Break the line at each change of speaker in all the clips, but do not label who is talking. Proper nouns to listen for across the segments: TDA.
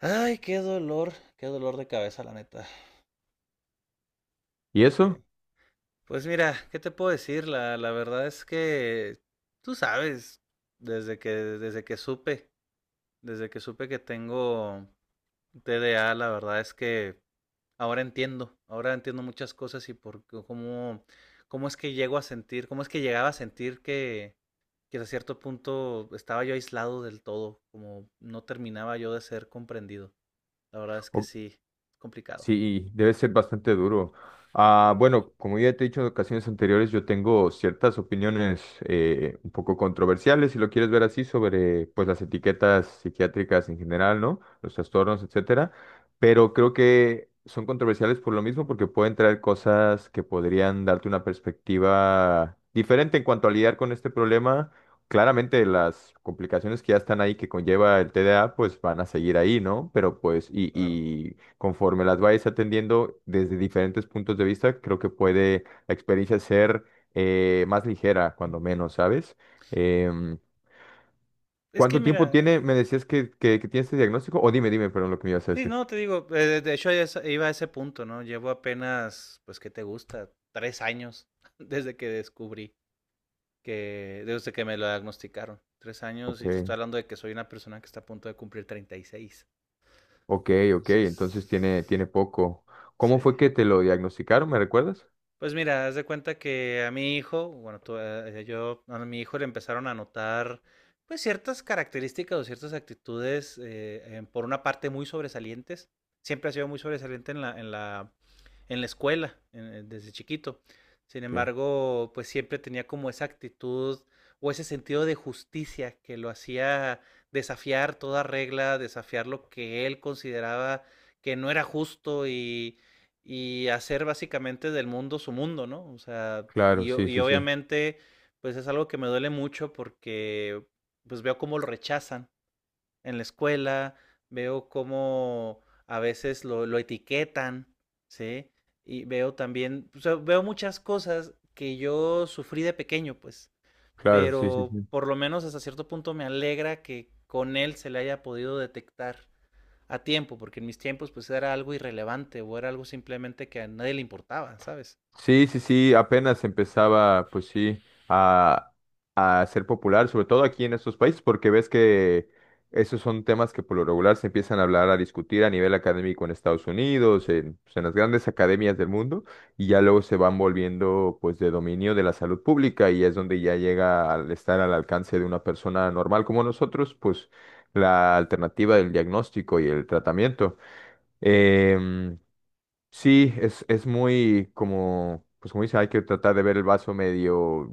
Ay, qué dolor de cabeza, la neta.
¿Y
Que-
eso?
Pues mira, ¿qué te puedo decir? La verdad es que tú sabes, desde que, desde que supe, desde que supe que tengo TDA, la verdad es que ahora entiendo muchas cosas y cómo es que llego a sentir, cómo es que llegaba a sentir que a cierto punto estaba yo aislado del todo, como no terminaba yo de ser comprendido. La verdad es que
O-
sí, es complicado.
sí, debe ser bastante duro. Ah, bueno, como ya te he dicho en ocasiones anteriores, yo tengo ciertas opiniones un poco controversiales, si lo quieres ver así, sobre pues las etiquetas psiquiátricas en general, ¿no? Los trastornos, etcétera. Pero creo que son controversiales por lo mismo, porque pueden traer cosas que podrían darte una perspectiva diferente en cuanto a lidiar con este problema, claramente las complicaciones que ya están ahí que conlleva el TDA, pues van a seguir ahí, ¿no? Pero pues, y,
Claro.
y conforme las vayas atendiendo desde diferentes puntos de vista, creo que puede la experiencia ser más ligera, cuando menos, ¿sabes? Em,
Es que
¿Cuánto
mira,
tiempo tiene? Me decías que, que tiene este diagnóstico, o dime, perdón, lo que me ibas a
sí,
decir.
no, te digo, iba a ese punto, ¿no? Llevo apenas, pues, ¿qué te gusta? 3 años desde que descubrí desde que me lo diagnosticaron. 3 años
Ok,
y te estoy hablando de que soy una persona que está a punto de cumplir 36.
ok, ok, entonces tiene,
Entonces,
poco. ¿Cómo
sí.
fue que te lo diagnosticaron? ¿Me recuerdas?
Pues mira, haz de cuenta que a mi hijo, bueno, tú, yo, a mi hijo le empezaron a notar pues ciertas características o ciertas actitudes, por una parte muy sobresalientes. Siempre ha sido muy sobresaliente en la, en la escuela, desde chiquito. Sin
Ok,
embargo, pues siempre tenía como esa actitud o ese sentido de justicia que lo hacía desafiar toda regla, desafiar lo que él consideraba que no era justo y hacer básicamente del mundo su mundo, ¿no? O sea, y,
claro, sí,
y
sí, sí.
obviamente, pues es algo que me duele mucho porque pues veo cómo lo rechazan en la escuela, veo cómo a veces lo etiquetan, ¿sí? Y veo también, o sea, veo muchas cosas que yo sufrí de pequeño, pues,
Claro, sí, sí,
pero
sí.
por lo menos hasta cierto punto me alegra que con él se le haya podido detectar a tiempo, porque en mis tiempos pues era algo irrelevante o era algo simplemente que a nadie le importaba, ¿sabes?
Sí, sí, sí, apenas empezaba, pues sí, a, a ser popular, sobre todo aquí en estos países, porque ves que esos son temas que por lo regular se empiezan a hablar, a discutir a nivel académico en Estados Unidos, en, pues, en las grandes academias del mundo, y ya luego se van volviendo, pues, de dominio de la salud pública, y es donde ya llega al estar al alcance de una persona normal como nosotros, pues, la alternativa del diagnóstico y el tratamiento. Em, Sí, es muy como, pues como dice, hay que tratar de ver el vaso medio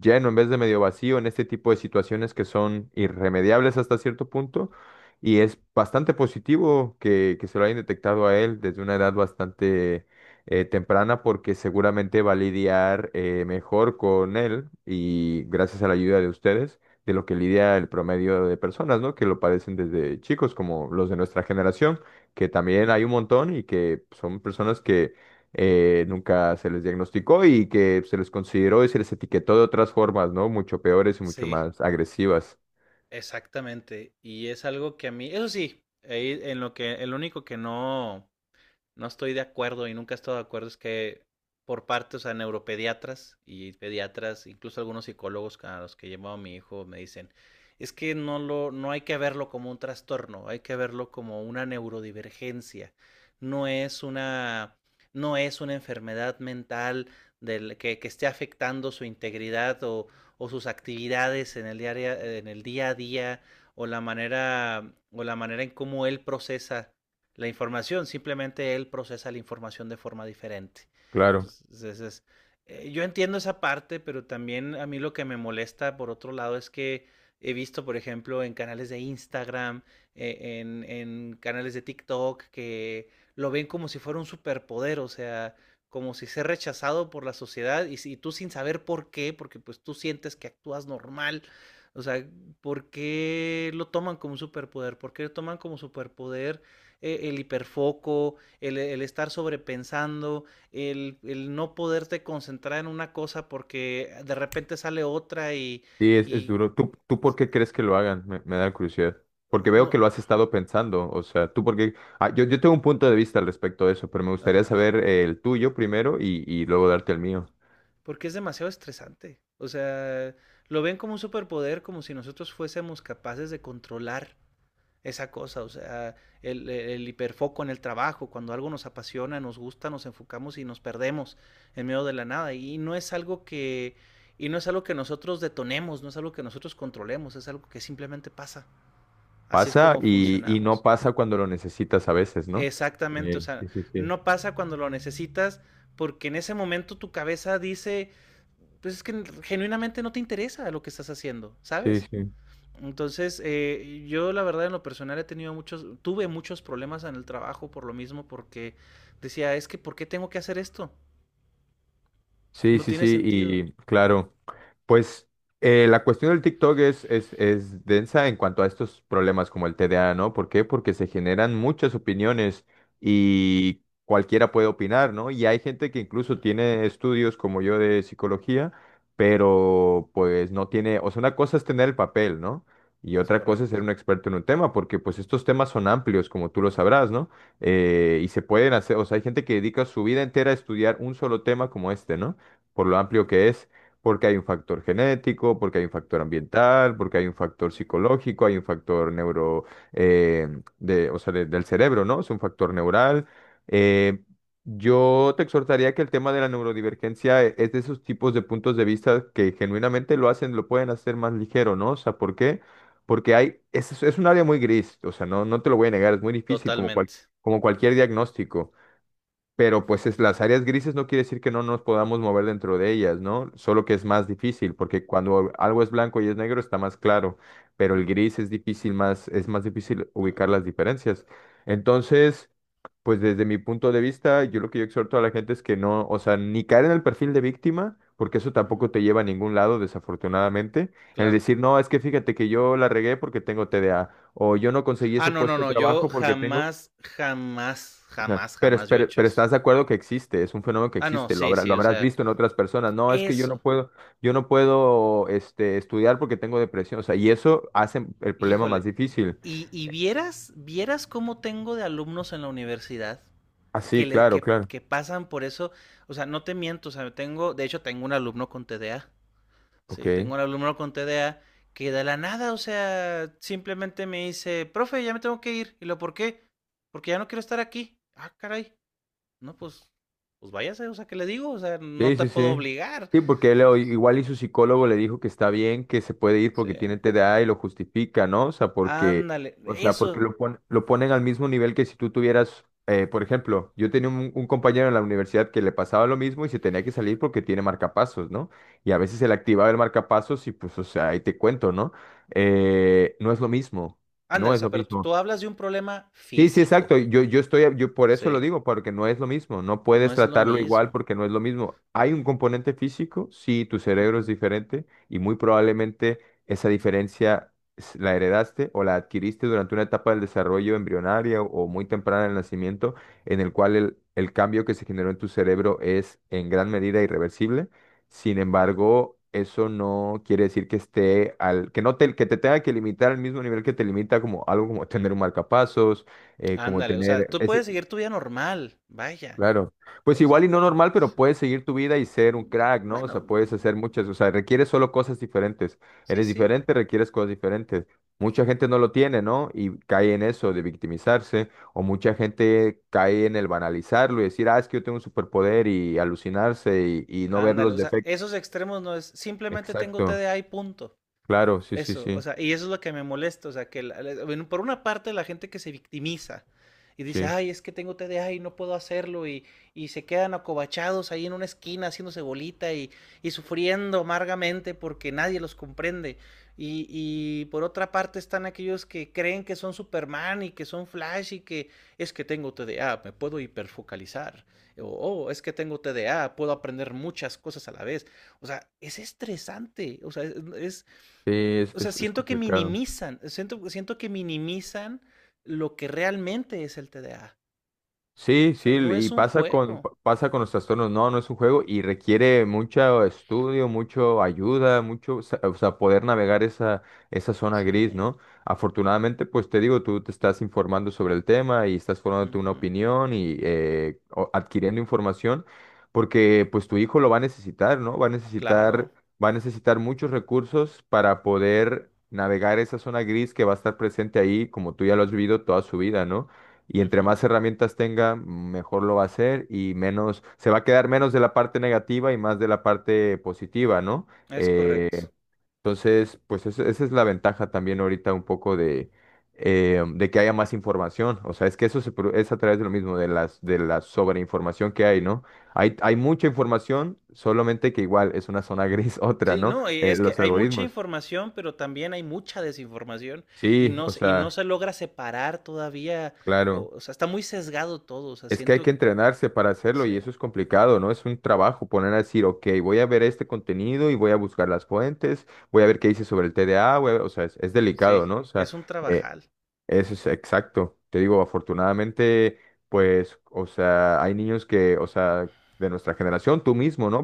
lleno en vez de medio vacío en este tipo de situaciones que son irremediables hasta cierto punto. Y es bastante positivo que, se lo hayan detectado a él desde una edad bastante temprana porque seguramente va a lidiar mejor con él y gracias a la ayuda de ustedes de lo que lidia el promedio de personas, ¿no? Que lo padecen desde chicos, como los de nuestra generación que también hay un
Ujú.
montón y que son personas que nunca se les diagnosticó y que se les consideró y se les etiquetó de otras formas, ¿no? Mucho peores y mucho
Sí,
más agresivas.
exactamente. Y es algo que a mí, eso sí, ahí en lo que, el único que no estoy de acuerdo y nunca he estado de acuerdo es que por parte, o sea, neuropediatras y pediatras, incluso algunos psicólogos a los que he llevado a mi hijo me dicen, es que no hay que verlo como un trastorno, hay que verlo como una neurodivergencia. No es una no es una enfermedad mental que esté afectando su integridad o sus actividades en el día a día o la manera en cómo él procesa la información, simplemente él procesa la información de forma diferente.
Claro.
Entonces, yo entiendo esa parte, pero también a mí lo que me molesta, por otro lado, es que he visto, por ejemplo, en canales de Instagram, en canales de TikTok, que lo ven como si fuera un superpoder, o sea, como si ser rechazado por la sociedad y, si y tú sin saber por qué, porque pues tú sientes que actúas normal, o sea, ¿por qué lo toman como un superpoder? ¿Por qué lo toman como superpoder el hiperfoco, el estar sobrepensando, el no poderte concentrar en una cosa porque de repente sale otra y,
Sí, es
y
duro. ¿Tú, por qué crees que lo hagan? Me, da curiosidad. Porque veo
no,
que lo has estado pensando. O sea, yo, tengo un punto de vista al respecto de eso, pero me gustaría
ajá,
saber el tuyo primero y luego darte el mío.
porque es demasiado estresante. O sea, lo ven como un superpoder, como si nosotros fuésemos capaces de controlar esa cosa, o sea, el hiperfoco en el trabajo, cuando algo nos apasiona, nos gusta, nos enfocamos y nos perdemos en medio de la nada. Y no es algo que nosotros detonemos, no es algo que nosotros controlemos, es algo que simplemente pasa. Así es
Pasa
como
y no
funcionamos.
pasa cuando lo necesitas a veces, ¿no?
Exactamente, o sea,
Sí, sí, sí.
no pasa cuando lo necesitas, porque en ese momento tu cabeza dice, pues es que genuinamente no te interesa lo que estás haciendo,
Sí,
¿sabes?
sí.
Entonces, yo la verdad en lo personal he tenido muchos, tuve muchos problemas en el trabajo por lo mismo, porque decía, es que ¿por qué tengo que hacer esto?
Sí,
No
sí,
tiene
sí,
sentido.
y claro, pues la cuestión del TikTok es, densa en cuanto a estos problemas como el TDA, ¿no? ¿Por qué? Porque se generan muchas opiniones y cualquiera puede opinar, ¿no? Y hay gente que incluso tiene estudios como yo de psicología, pero pues no tiene, o sea, una cosa es tener el papel, ¿no? Y
Es
otra cosa es
correcto.
ser un experto en un tema, porque pues estos temas son amplios, como tú lo sabrás, ¿no? Y se pueden hacer, o sea, hay gente que dedica su vida entera a estudiar un solo tema como este, ¿no? Por lo amplio que es, porque hay un factor genético, porque hay un factor ambiental, porque hay un factor psicológico, hay un factor neuro, eh, de, o sea, del cerebro, ¿no? Es un factor neural. Eh, yo te exhortaría que el tema de la neurodivergencia es de esos tipos de puntos de vista que genuinamente lo hacen, lo pueden hacer más ligero, ¿no? O sea, ¿por qué? Porque es, un área muy gris, o sea, no, no te lo voy a negar, es muy difícil, como,
Totalmente.
como cualquier diagnóstico, pero pues las áreas grises no quiere decir que no nos podamos mover dentro de ellas, ¿no? Solo que es más difícil, porque cuando algo es blanco y es negro está más claro, pero el
Ujú.
gris es más difícil
No.
ubicar las diferencias. Entonces, pues desde mi punto de vista, yo lo que yo exhorto a la gente es que no, o sea, ni caer en el perfil de víctima, porque eso
Ujú.
tampoco te lleva a ningún lado, desafortunadamente. El
Claro.
decir, no, es que fíjate que yo la regué porque tengo TDA, o yo no conseguí
Ah,
ese
no, no,
puesto de
no. Yo
trabajo porque tengo.
jamás, jamás,
O sea,
jamás,
pero, es-
jamás yo he
pero,
hecho
pero
eso.
estás de acuerdo que existe, es un fenómeno que
Ah, no,
existe,
sí, sí,
lo
o
habrás
sea,
visto en otras personas. No, es que
eso.
yo no puedo este, estudiar porque tengo depresión. O sea, y eso hace el problema más
Híjole.
difícil.
Y vieras, vieras cómo tengo de alumnos en la universidad.
Ah,
que,
sí,
le,
claro,
que,
claro.
que pasan por eso. O sea, no te miento, o sea, tengo, de hecho, tengo un alumno con TDA. Sí, tengo
Ok.
un alumno con TDA que de la nada, o sea, simplemente me dice, profe, ya me tengo que ir. ¿Y lo por qué? Porque ya no quiero estar aquí. Ah, caray. No, pues váyase, o sea, ¿qué le digo? O sea, no
Sí,
te
sí,
puedo
sí.
obligar.
Sí, porque él igual y su psicólogo le dijo que está bien, que se puede ir
Sí.
porque tiene TDA y lo justifica, ¿no? O sea,
Ándale,
o sea, porque
eso,
lo ponen al mismo nivel que si tú tuvieras, por ejemplo, yo tenía un, compañero en la universidad que le pasaba lo mismo y se tenía que salir porque tiene marcapasos, ¿no? Y a veces se le activaba el marcapasos y pues, o sea, ahí te cuento, ¿no? No es lo mismo,
ándale,
no
o
es lo
sea, pero tú
mismo.
hablas de un problema
Sí, sí,
físico,
exacto. Yo por eso lo
¿sí?
digo, porque no es lo mismo. No
No
puedes
es lo
tratarlo igual
mismo.
porque no es lo mismo. Hay un componente físico, sí, tu
Uh
cerebro es
-huh,
diferente y muy probablemente esa diferencia la heredaste o la adquiriste durante una etapa del desarrollo embrionaria o muy temprana del nacimiento, en el cual el cambio que se generó en tu cerebro es en gran medida irreversible. Sin
uh -huh.
embargo, eso no quiere decir que esté al, que no te, que te tenga que limitar al mismo nivel que te limita como algo como tener un marcapasos, eh, como
Ándale, o sea,
tener
tú
ese,
puedes seguir tu vida normal, vaya.
claro, pues
O
igual y
sea,
no normal, pero
sí.
puedes seguir tu vida y ser un crack, ¿no? O sea,
Bueno,
puedes hacer muchas, o sea, requieres solo cosas diferentes.
sí,
Eres
sí.
diferente, requieres cosas diferentes. Mucha gente no lo tiene, ¿no? Y cae en eso de victimizarse, o mucha gente cae en el banalizarlo y decir, ah, es que yo tengo un superpoder y alucinarse y no ver
Ándale,
los
o sea,
defectos.
esos extremos no es simplemente tengo
Exacto,
TDA y punto.
claro, sí, sí,
Eso, o
sí,
sea, y eso es lo que me molesta, o sea, que bueno, por una parte la gente que se victimiza y dice,
sí.
ay, es que tengo TDA y no puedo hacerlo, y se quedan acobachados ahí en una esquina haciéndose bolita y sufriendo amargamente porque nadie los comprende. Y por otra parte están aquellos que creen que son Superman y que son Flash y que es que tengo TDA, me puedo hiperfocalizar, o "Oh, es que tengo TDA, puedo aprender muchas cosas a la vez. O sea, es estresante, o sea, es-
Sí, es,
o sea,
es
siento que
complicado.
minimizan, siento que minimizan lo que realmente es el TDA.
Sí,
O
sí,
sea, no es
y
un
pasa
juego.
pasa con los trastornos. No, no es un juego y requiere mucho estudio, mucho ayuda, o sea, poder navegar esa zona
Sí,
gris, ¿no? Afortunadamente, pues te digo, tú te estás informando sobre el tema y estás
uh
formándote una
-huh,
opinión y adquiriendo información, porque pues tu hijo lo va a necesitar, ¿no?
claro,
Va a necesitar muchos recursos para poder navegar esa zona gris que va a estar presente ahí, como tú ya lo has vivido toda su vida, ¿no? Y
uh
entre
-huh,
más herramientas tenga, mejor lo va a hacer y se va a quedar menos de la parte negativa y más de la parte positiva, ¿no?
es correcto.
Eh, entonces, pues esa es la ventaja también ahorita un poco de que haya más información. O sea, es que eso es a través de lo mismo, de la sobreinformación que hay, ¿no? Hay mucha información, solamente que igual es una zona gris otra,
Sí,
¿no?
no, y
Eh,
es que
los
hay mucha
algoritmos.
información, pero también hay mucha desinformación
Sí, o
y no
sea,
se logra separar todavía,
claro.
o sea, está muy sesgado todo, o sea,
Es que hay que entrenarse para hacerlo y
sí,
eso es complicado, ¿no? Es un trabajo poner a decir, ok, voy a ver este contenido y voy a buscar las fuentes, voy a ver qué dice sobre el TDA, voy a ver", o sea, es,
sí,
delicado, ¿no? O sea,
es un
eh,
trabajal.
eso es exacto. Te digo, afortunadamente, pues, o sea, hay niños que, o sea, de nuestra generación, tú mismo, ¿no?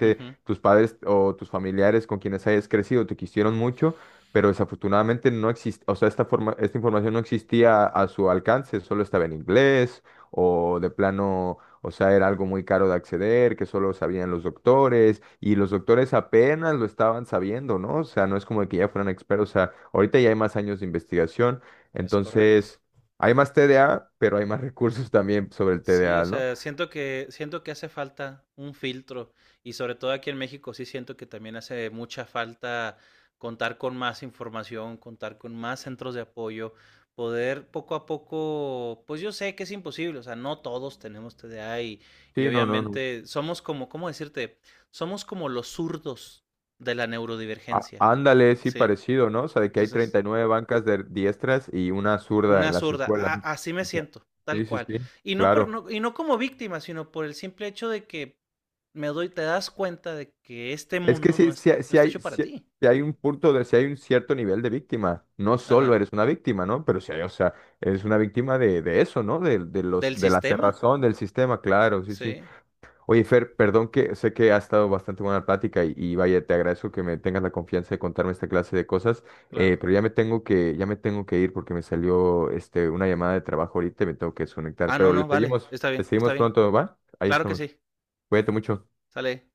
Uh -huh,
tus padres o tus familiares con quienes hayas crecido te quisieron mucho, pero desafortunadamente no existe, o sea, esta información no existía a su alcance, solo estaba en inglés o de plano, o sea, era algo muy caro de acceder, que solo sabían los doctores y los doctores apenas lo estaban sabiendo, ¿no? O sea, no es como que ya fueran expertos, o sea, ahorita ya hay más años de investigación.
es correcto.
Entonces, hay más TDA, pero hay más recursos también sobre el
Sí, o
TDA, ¿no?
sea, siento que hace falta un filtro y sobre todo aquí en México sí siento que también hace mucha falta contar con más información, contar con más centros de apoyo, poder poco a poco, pues yo sé que es imposible, o sea, no todos tenemos TDA y
Sí, no, no, no.
obviamente somos como, ¿cómo decirte? Somos como los zurdos de la
Á-
neurodivergencia,
ándale, sí,
¿sí?
parecido, ¿no? O sea, de que hay
Entonces,
39 bancas de diestras y una zurda
una
en las
zurda.
escuelas, ¿no?
Así me
O sea,
siento, tal
sí, sí,
cual.
sí, claro.
Y no como víctima, sino por el simple hecho de que te das cuenta de que este
Es que
mundo
sí, sí,
no está hecho para ti.
sí hay un punto de, si hay un cierto nivel de víctima. No solo
Ajá.
eres una víctima, ¿no? Pero sí hay, o sea, eres una víctima de eso, ¿no? De, de
Del
los, de la
sistema.
cerrazón del sistema, claro, sí, sí.
Sí,
Oye, Fer, perdón que sé que ha estado bastante buena la plática y vaya, te agradezco que me tengas la confianza de contarme esta clase de cosas,
claro.
pero ya me tengo que ir porque me salió este, una llamada de trabajo ahorita y me tengo que desconectar,
Ah, no,
pero
no, vale. Está
le
bien, está
seguimos
bien.
pronto, ¿va? Ahí
Claro que
estamos.
sí.
Cuídate mucho.
Sale.